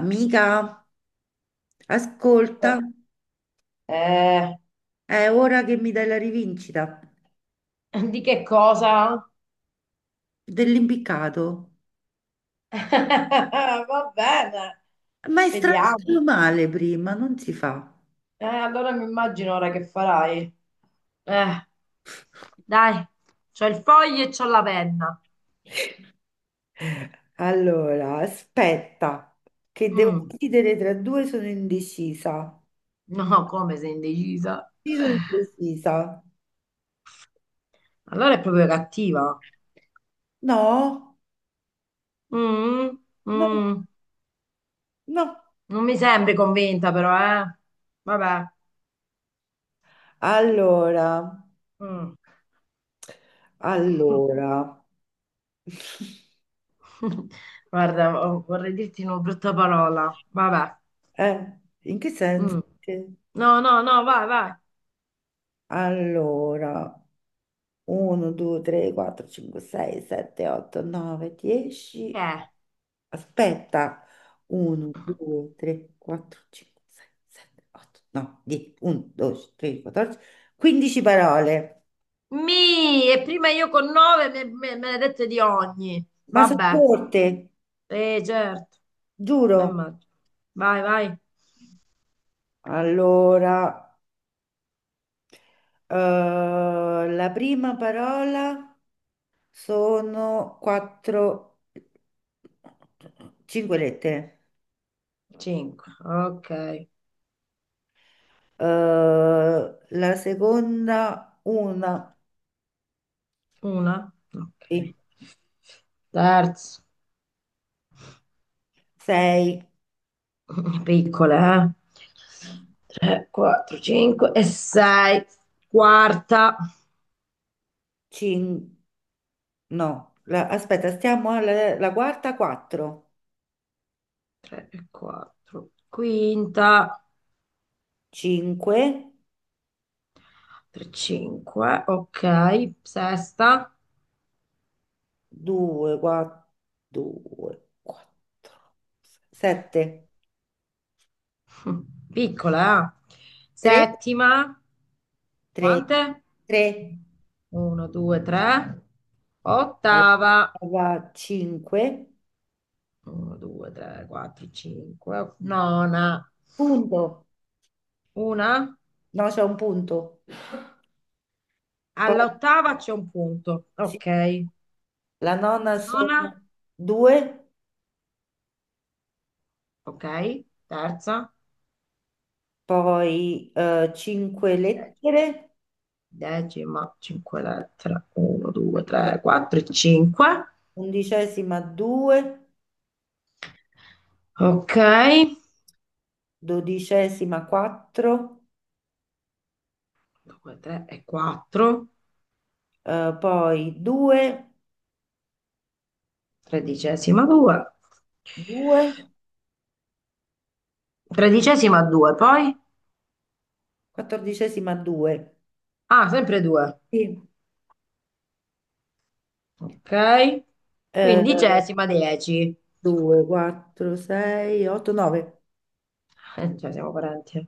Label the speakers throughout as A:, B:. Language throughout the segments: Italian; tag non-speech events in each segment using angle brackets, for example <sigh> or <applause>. A: Amica, ascolta,
B: Eh,
A: è ora che mi dai la rivincita
B: di che cosa?
A: dell'impiccato.
B: <laughs> Va bene,
A: Ma è
B: vediamo.
A: strano male prima, non si fa.
B: Allora mi immagino ora che farai. Eh, dai, c'ho il foglio e c'ho la penna.
A: Allora, aspetta, che devo
B: Mm,
A: decidere tra due, sono indecisa.
B: no, come sei indecisa?
A: Sì, sono indecisa.
B: Allora è proprio cattiva.
A: No,
B: Mm,
A: no,
B: mm,
A: no.
B: non mi sembri convinta però, eh. Vabbè.
A: Allora,
B: Mm.
A: allora,
B: <laughs> Guarda, vorrei dirti una brutta parola. Vabbè.
A: in che senso?
B: Mm. No, no, no, vai, vai.
A: Allora. 1, 2, 3, 4, 5, 6, 7, 8, 9,
B: Che
A: 10.
B: è?
A: Aspetta. 1, 2, 3, 4, 5, 6, 7, 8, 9, 10, 11, 12, 13, 14, 15 parole.
B: E prima io con nove me ne dette di ogni.
A: Ma sono
B: Vabbè,
A: corte,
B: certo, mi
A: giuro.
B: immagino. Vai, vai.
A: Allora, la prima parola sono 4, 5 lettere.
B: Cinque, ok.
A: Eh, la seconda una.
B: Una, ok.
A: 6,
B: Terzo, piccole, eh. Tre, quattro, cinque e sei. Quarta,
A: 5, no, aspetta, stiamo alla la quarta 4,
B: tre e quattro. Quinta,
A: 5,
B: tre, cinque, ok. Sesta.
A: 2, 4, 2, 4, 7,
B: Piccola, eh?
A: 3,
B: Settima,
A: 3,
B: quante?
A: 3,
B: Uno, due, tre. Ottava.
A: 5,
B: Uno, due, tre, quattro, cinque. Nona.
A: punto,
B: Una.
A: no, c'è un punto, poi
B: All'ottava c'è un punto.
A: sì,
B: Ok.
A: la nonna
B: Nona.
A: sono 2,
B: Ok. Terza.
A: poi 5
B: Dec-
A: lettere,
B: Decima. Cinque lettere. Uno, due, tre, quattro e cinque.
A: undicesima 2,
B: Ok.
A: dodicesima 4,
B: Due, tre e quattro.
A: poi 2,
B: Tredicesima 2.
A: 2,
B: Tredicesima 2, poi?
A: quattordicesima 2,
B: Ah, sempre 2.
A: sì.
B: Ok. Quindicesima 10.
A: 2, 4, 6, 8, 9.
B: Cioè, siamo parenti.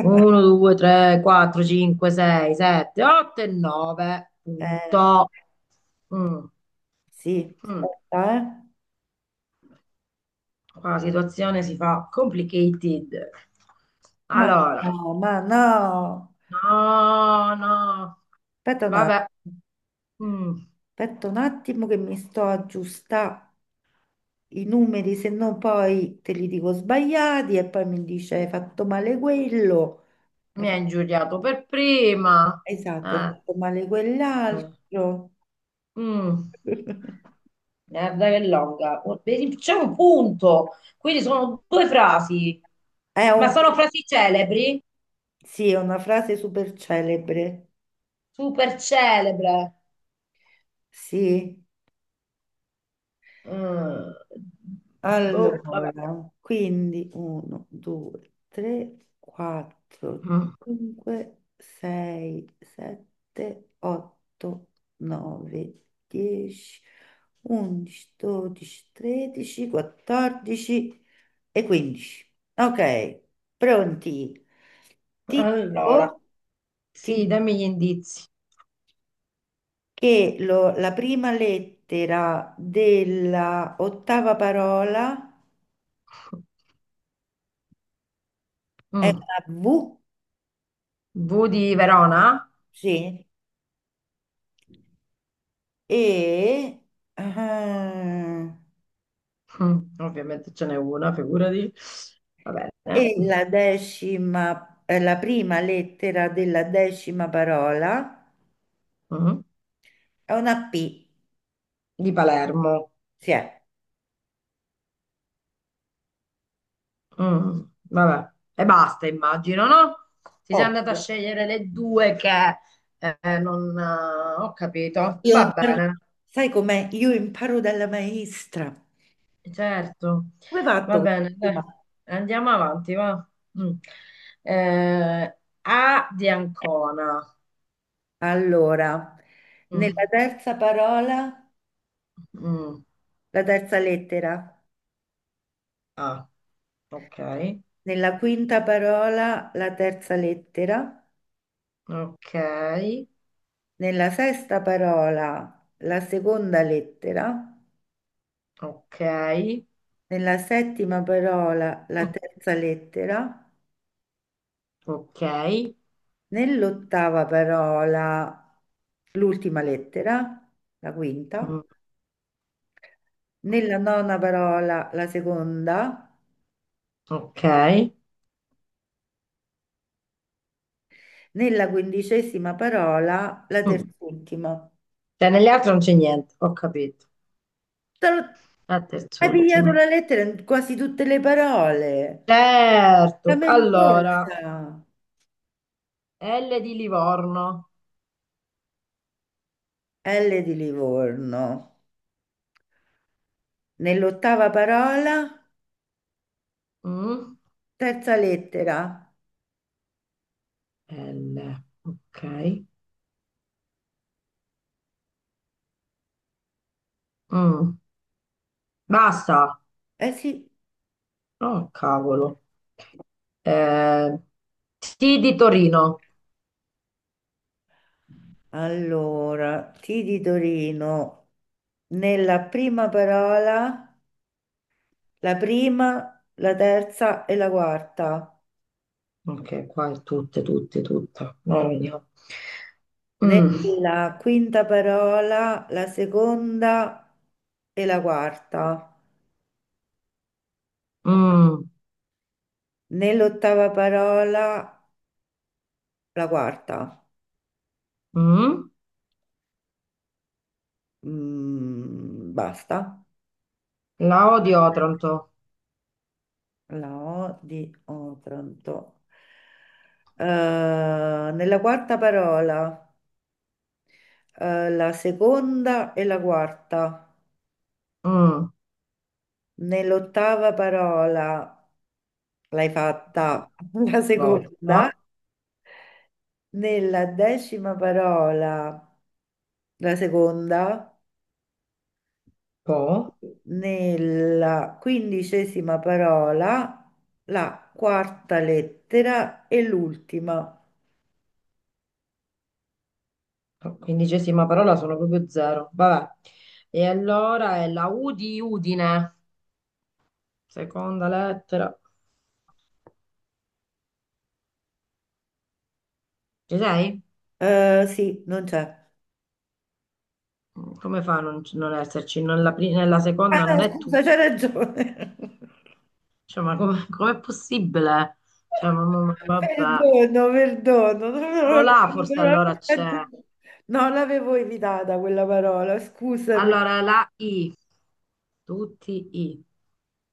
B: 1, 2, 3, 4, 5, 6, 7, 8 e 9.
A: Eh,
B: Punto. Mm,
A: sì,
B: mm.
A: aspetta, eh.
B: Qua la situazione si fa complicated.
A: Ma
B: Allora,
A: no, ma no.
B: no, no.
A: Aspetta un
B: Vabbè.
A: attimo,
B: Mm.
A: aspetta un attimo che mi sto aggiustando i numeri, se no poi te li dico sbagliati e poi mi dice hai fatto male quello, hai
B: Mi ha
A: fa-
B: ingiuriato per prima.
A: esatto, hai
B: Eh,
A: fatto male
B: eh.
A: quell'altro.
B: Mm,
A: È
B: guarda che longa. Oh, vedi, c'è un punto, quindi sono due frasi, ma
A: un-
B: sono frasi celebri,
A: sì, è una frase super celebre.
B: super celebre.
A: Sì.
B: Mm, boh, vabbè.
A: Allora, quindi 1, 2, 3, 4,
B: Mm,
A: 5, 6, 7, 8, 9, 10, 11, 12, 13, 14 e 15. Ok, pronti? Ti
B: Allora,
A: dico,
B: sì, dammi gli indizi.
A: la prima lettera della ottava parola è
B: Mm,
A: una V,
B: V di Verona?
A: sì, e, ah,
B: Ovviamente ce n'è una, figurati. Va bene.
A: e la decima, la prima lettera della decima parola
B: Mm,
A: è una P,
B: Di Palermo.
A: sì, è
B: Mm, vabbè, e basta, immagino, no? Ti sei andata a
A: ovvio.
B: scegliere le due che non ho capito.
A: Io
B: Va
A: imparo,
B: bene,
A: sai com'è? Io imparo dalla maestra.
B: certo,
A: Come hai
B: va
A: fatto questa
B: bene, dai.
A: settimana?
B: Andiamo avanti, va. Mm. Eh, A di Ancona.
A: Allora,
B: Mm,
A: nella terza parola,
B: mm,
A: la terza lettera.
B: A. Ok,
A: Nella quinta parola la terza lettera,
B: ok,
A: nella sesta parola la seconda lettera,
B: ok,
A: nella settima parola la
B: mm,
A: terza lettera,
B: ok,
A: nell'ottava parola l'ultima lettera, la quinta,
B: mm,
A: nella nona parola la seconda,
B: ok.
A: nella quindicesima parola la
B: Mm.
A: terz'ultima.
B: Cioè, nelle altre non c'è niente, ho capito.
A: Te lo-
B: È
A: Hai
B: terz'ultima.
A: pigliato la lettera in quasi tutte le parole.
B: Certo. Allora,
A: Lamentosa.
B: L di Livorno.
A: L di Livorno. Nell'ottava parola,
B: Mm?
A: terza lettera.
B: L. Ok. Mm. Basta.
A: Eh sì,
B: Oh, cavolo. Eh, T di Torino.
A: allora, T di Torino. Nella prima parola, la prima, la terza e la quarta.
B: Ok, qua è tutte, tutte, tutte. No, vediamo. Mm.
A: Nella quinta parola, la seconda e la quarta.
B: Mm.
A: Nell'ottava parola, la quarta.
B: Mm.
A: Basta.
B: La O di Otranto.
A: La O di Otranto. Eh, nella quarta parola, la seconda e la quarta.
B: Mm.
A: Nell'ottava parola l'hai fatta <laughs> la
B: Volta.
A: seconda. Nella decima parola la seconda.
B: Po.
A: Nella quindicesima parola la quarta lettera e l'ultima.
B: Quindicesima parola sono proprio zero. Vabbè. E allora è la U di Udine, seconda lettera. Ci sei?
A: Sì, non c'è.
B: Come fa a non, non esserci? Nella
A: Ah,
B: seconda non è tu.
A: scusa, c'hai ragione.
B: Cioè, ma come, <laughs> com'è possibile? Cioè, ma vabbè.
A: Perdono, perdono.
B: Solo là forse allora c'è.
A: No, l'avevo evitata quella parola, scusami.
B: Allora la I, tutti I.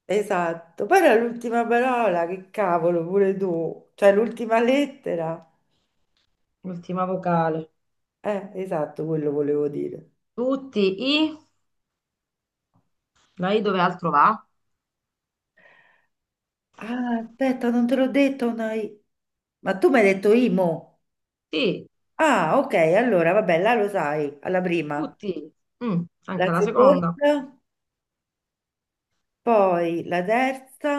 A: Esatto. Poi era l'ultima parola, che cavolo, pure tu. Cioè, l'ultima lettera.
B: Ultima vocale.
A: Esatto, quello volevo dire.
B: Tutti I. La I dove altro va?
A: Ah, aspetta, non te l'ho detto, una I. Ma tu mi hai detto Imo.
B: Sì,
A: Ah, ok, allora, vabbè, là lo sai, alla prima.
B: tutti I. Mm,
A: La
B: anche la seconda.
A: seconda? Poi la terza,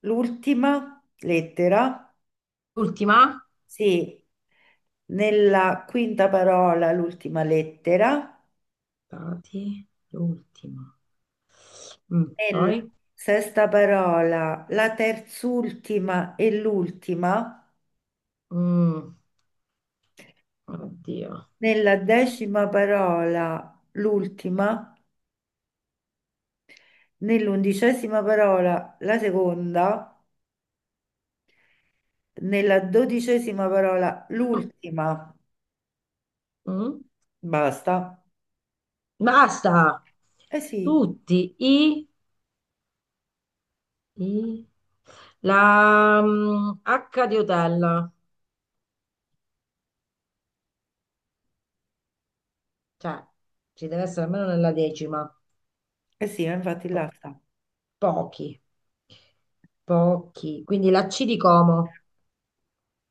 A: l'ultima lettera,
B: Ultima?
A: sì, nella quinta parola l'ultima lettera,
B: Stati, l'ultima. Mm,
A: nella
B: poi?
A: sesta parola la terzultima e l'ultima,
B: Mm, oddio.
A: nella decima parola l'ultima, nell'undicesima parola la seconda, nella dodicesima parola
B: Mm,
A: l'ultima,
B: mm.
A: basta.
B: Basta!
A: Eh sì,
B: Tutti i. i- la H di hotel. Cioè, ci deve essere almeno nella decima.
A: eh sì, infatti
B: Po-
A: là sta.
B: pochi, pochi. Quindi la C di Como.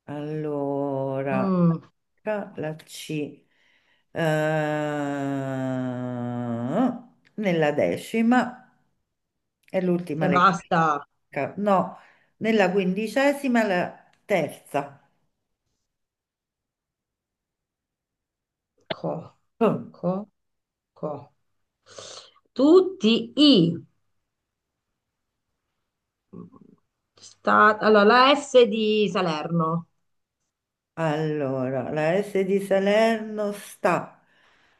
A: Allora,
B: Mm,
A: tra la C. Eh, nella decima è l'ultima
B: e basta.
A: lettera. No, nella quindicesima è la terza.
B: Co,
A: Boom.
B: co, co. Tutti i. Allora, la S di Salerno
A: Allora, la S di Salerno sta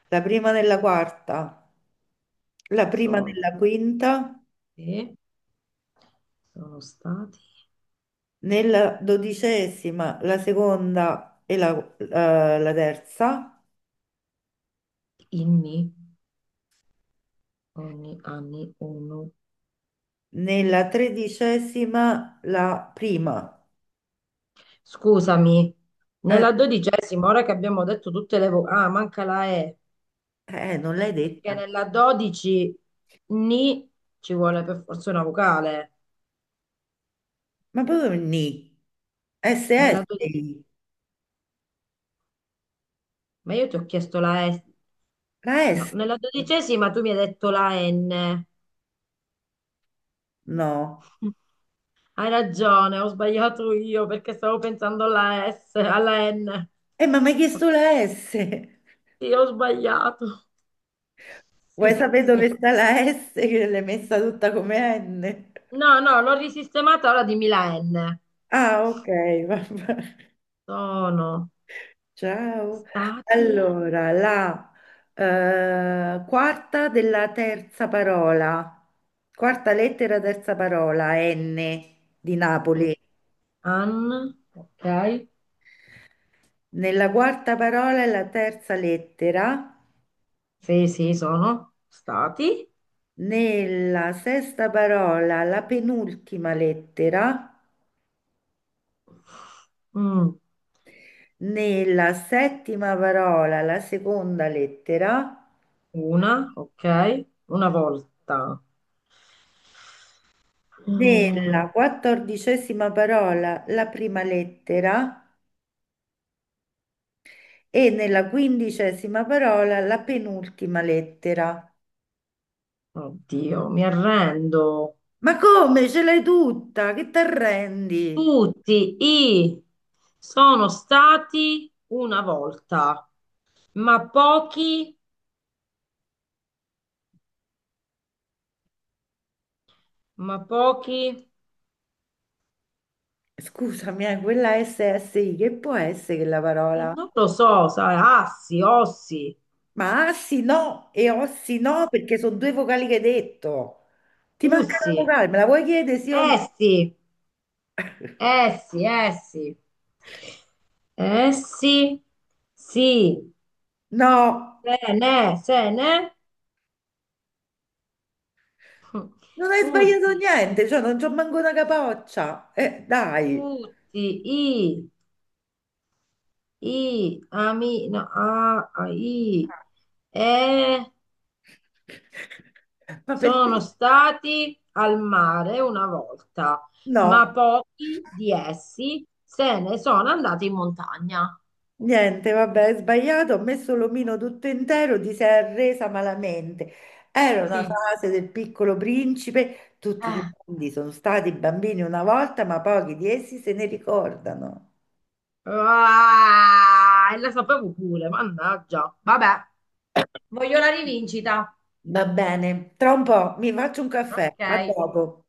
A: la prima nella quarta, la prima
B: sono,
A: nella quinta,
B: e sono stati
A: nella dodicesima, la seconda e la terza.
B: inni, ogni anni uno.
A: Nella tredicesima, la prima.
B: Scusami,
A: Eh,
B: nella dodicesima, ora che abbiamo detto tutte le vocali, ah, manca la E,
A: non l'hai
B: perché
A: detta.
B: nella dodici ni ci vuole per forza una vocale.
A: Ma proprio ni. SS.
B: Nella dodi- ma io ti ho chiesto la S,
A: La
B: no,
A: S.
B: nella dodicesima tu mi hai detto la N.
A: No.
B: Hai ragione, ho sbagliato io perché stavo pensando alla S, alla N.
A: Ma mi hai chiesto la S.
B: Sì, ho sbagliato.
A: Vuoi
B: Sì,
A: sapere
B: sì.
A: dove sta la S che l'hai messa tutta come N?
B: No, no, l'ho risistemata, ora dimmi la N.
A: Ah, ok, vabbè.
B: Sono
A: Ciao.
B: stati,
A: Allora, la quarta della terza parola. Quarta lettera, terza parola, N di
B: no,
A: Napoli.
B: ok.
A: Nella quarta parola è la terza lettera,
B: Sì, sì, sono stati.
A: nella sesta parola la penultima lettera,
B: Mm,
A: nella settima parola la seconda lettera,
B: una, ok. Una volta.
A: nella
B: Mm,
A: quattordicesima parola la prima lettera e nella quindicesima parola la penultima lettera.
B: oddio, mi arrendo.
A: Ma come ce l'hai tutta? Che ti arrendi?
B: Tutti i sono stati una volta, ma pochi, ma pochi,
A: Scusami, quella SSI, che può essere quella parola?
B: non lo so, sai, assi, ossi,
A: Ma assi no e ossi no
B: o-
A: perché sono due vocali che hai detto. Ti manca
B: ussi,
A: una vocale, me la vuoi chiedere sì o no?
B: essi, essi, essi, essi, sì,
A: No,
B: se ne, se ne,
A: non hai sbagliato
B: tutti,
A: niente, cioè non c'ho manco una capoccia. Dai.
B: tutti, i, ami, no, a, i, e.
A: <laughs> Ma
B: Sono
A: perché?
B: stati al mare una volta,
A: No,
B: ma pochi di essi se ne sono andati in montagna.
A: niente, vabbè, hai sbagliato, ho messo l'omino tutto intero, ti sei arresa malamente. Era una
B: Sì.
A: fase del piccolo principe, tutti i
B: Eh.
A: grandi sono stati bambini una volta, ma pochi di essi se ne ricordano.
B: Ah, e la sapevo pure, mannaggia. Vabbè, voglio la rivincita.
A: Va bene, tra un po' mi faccio un caffè, a
B: Ok.
A: dopo.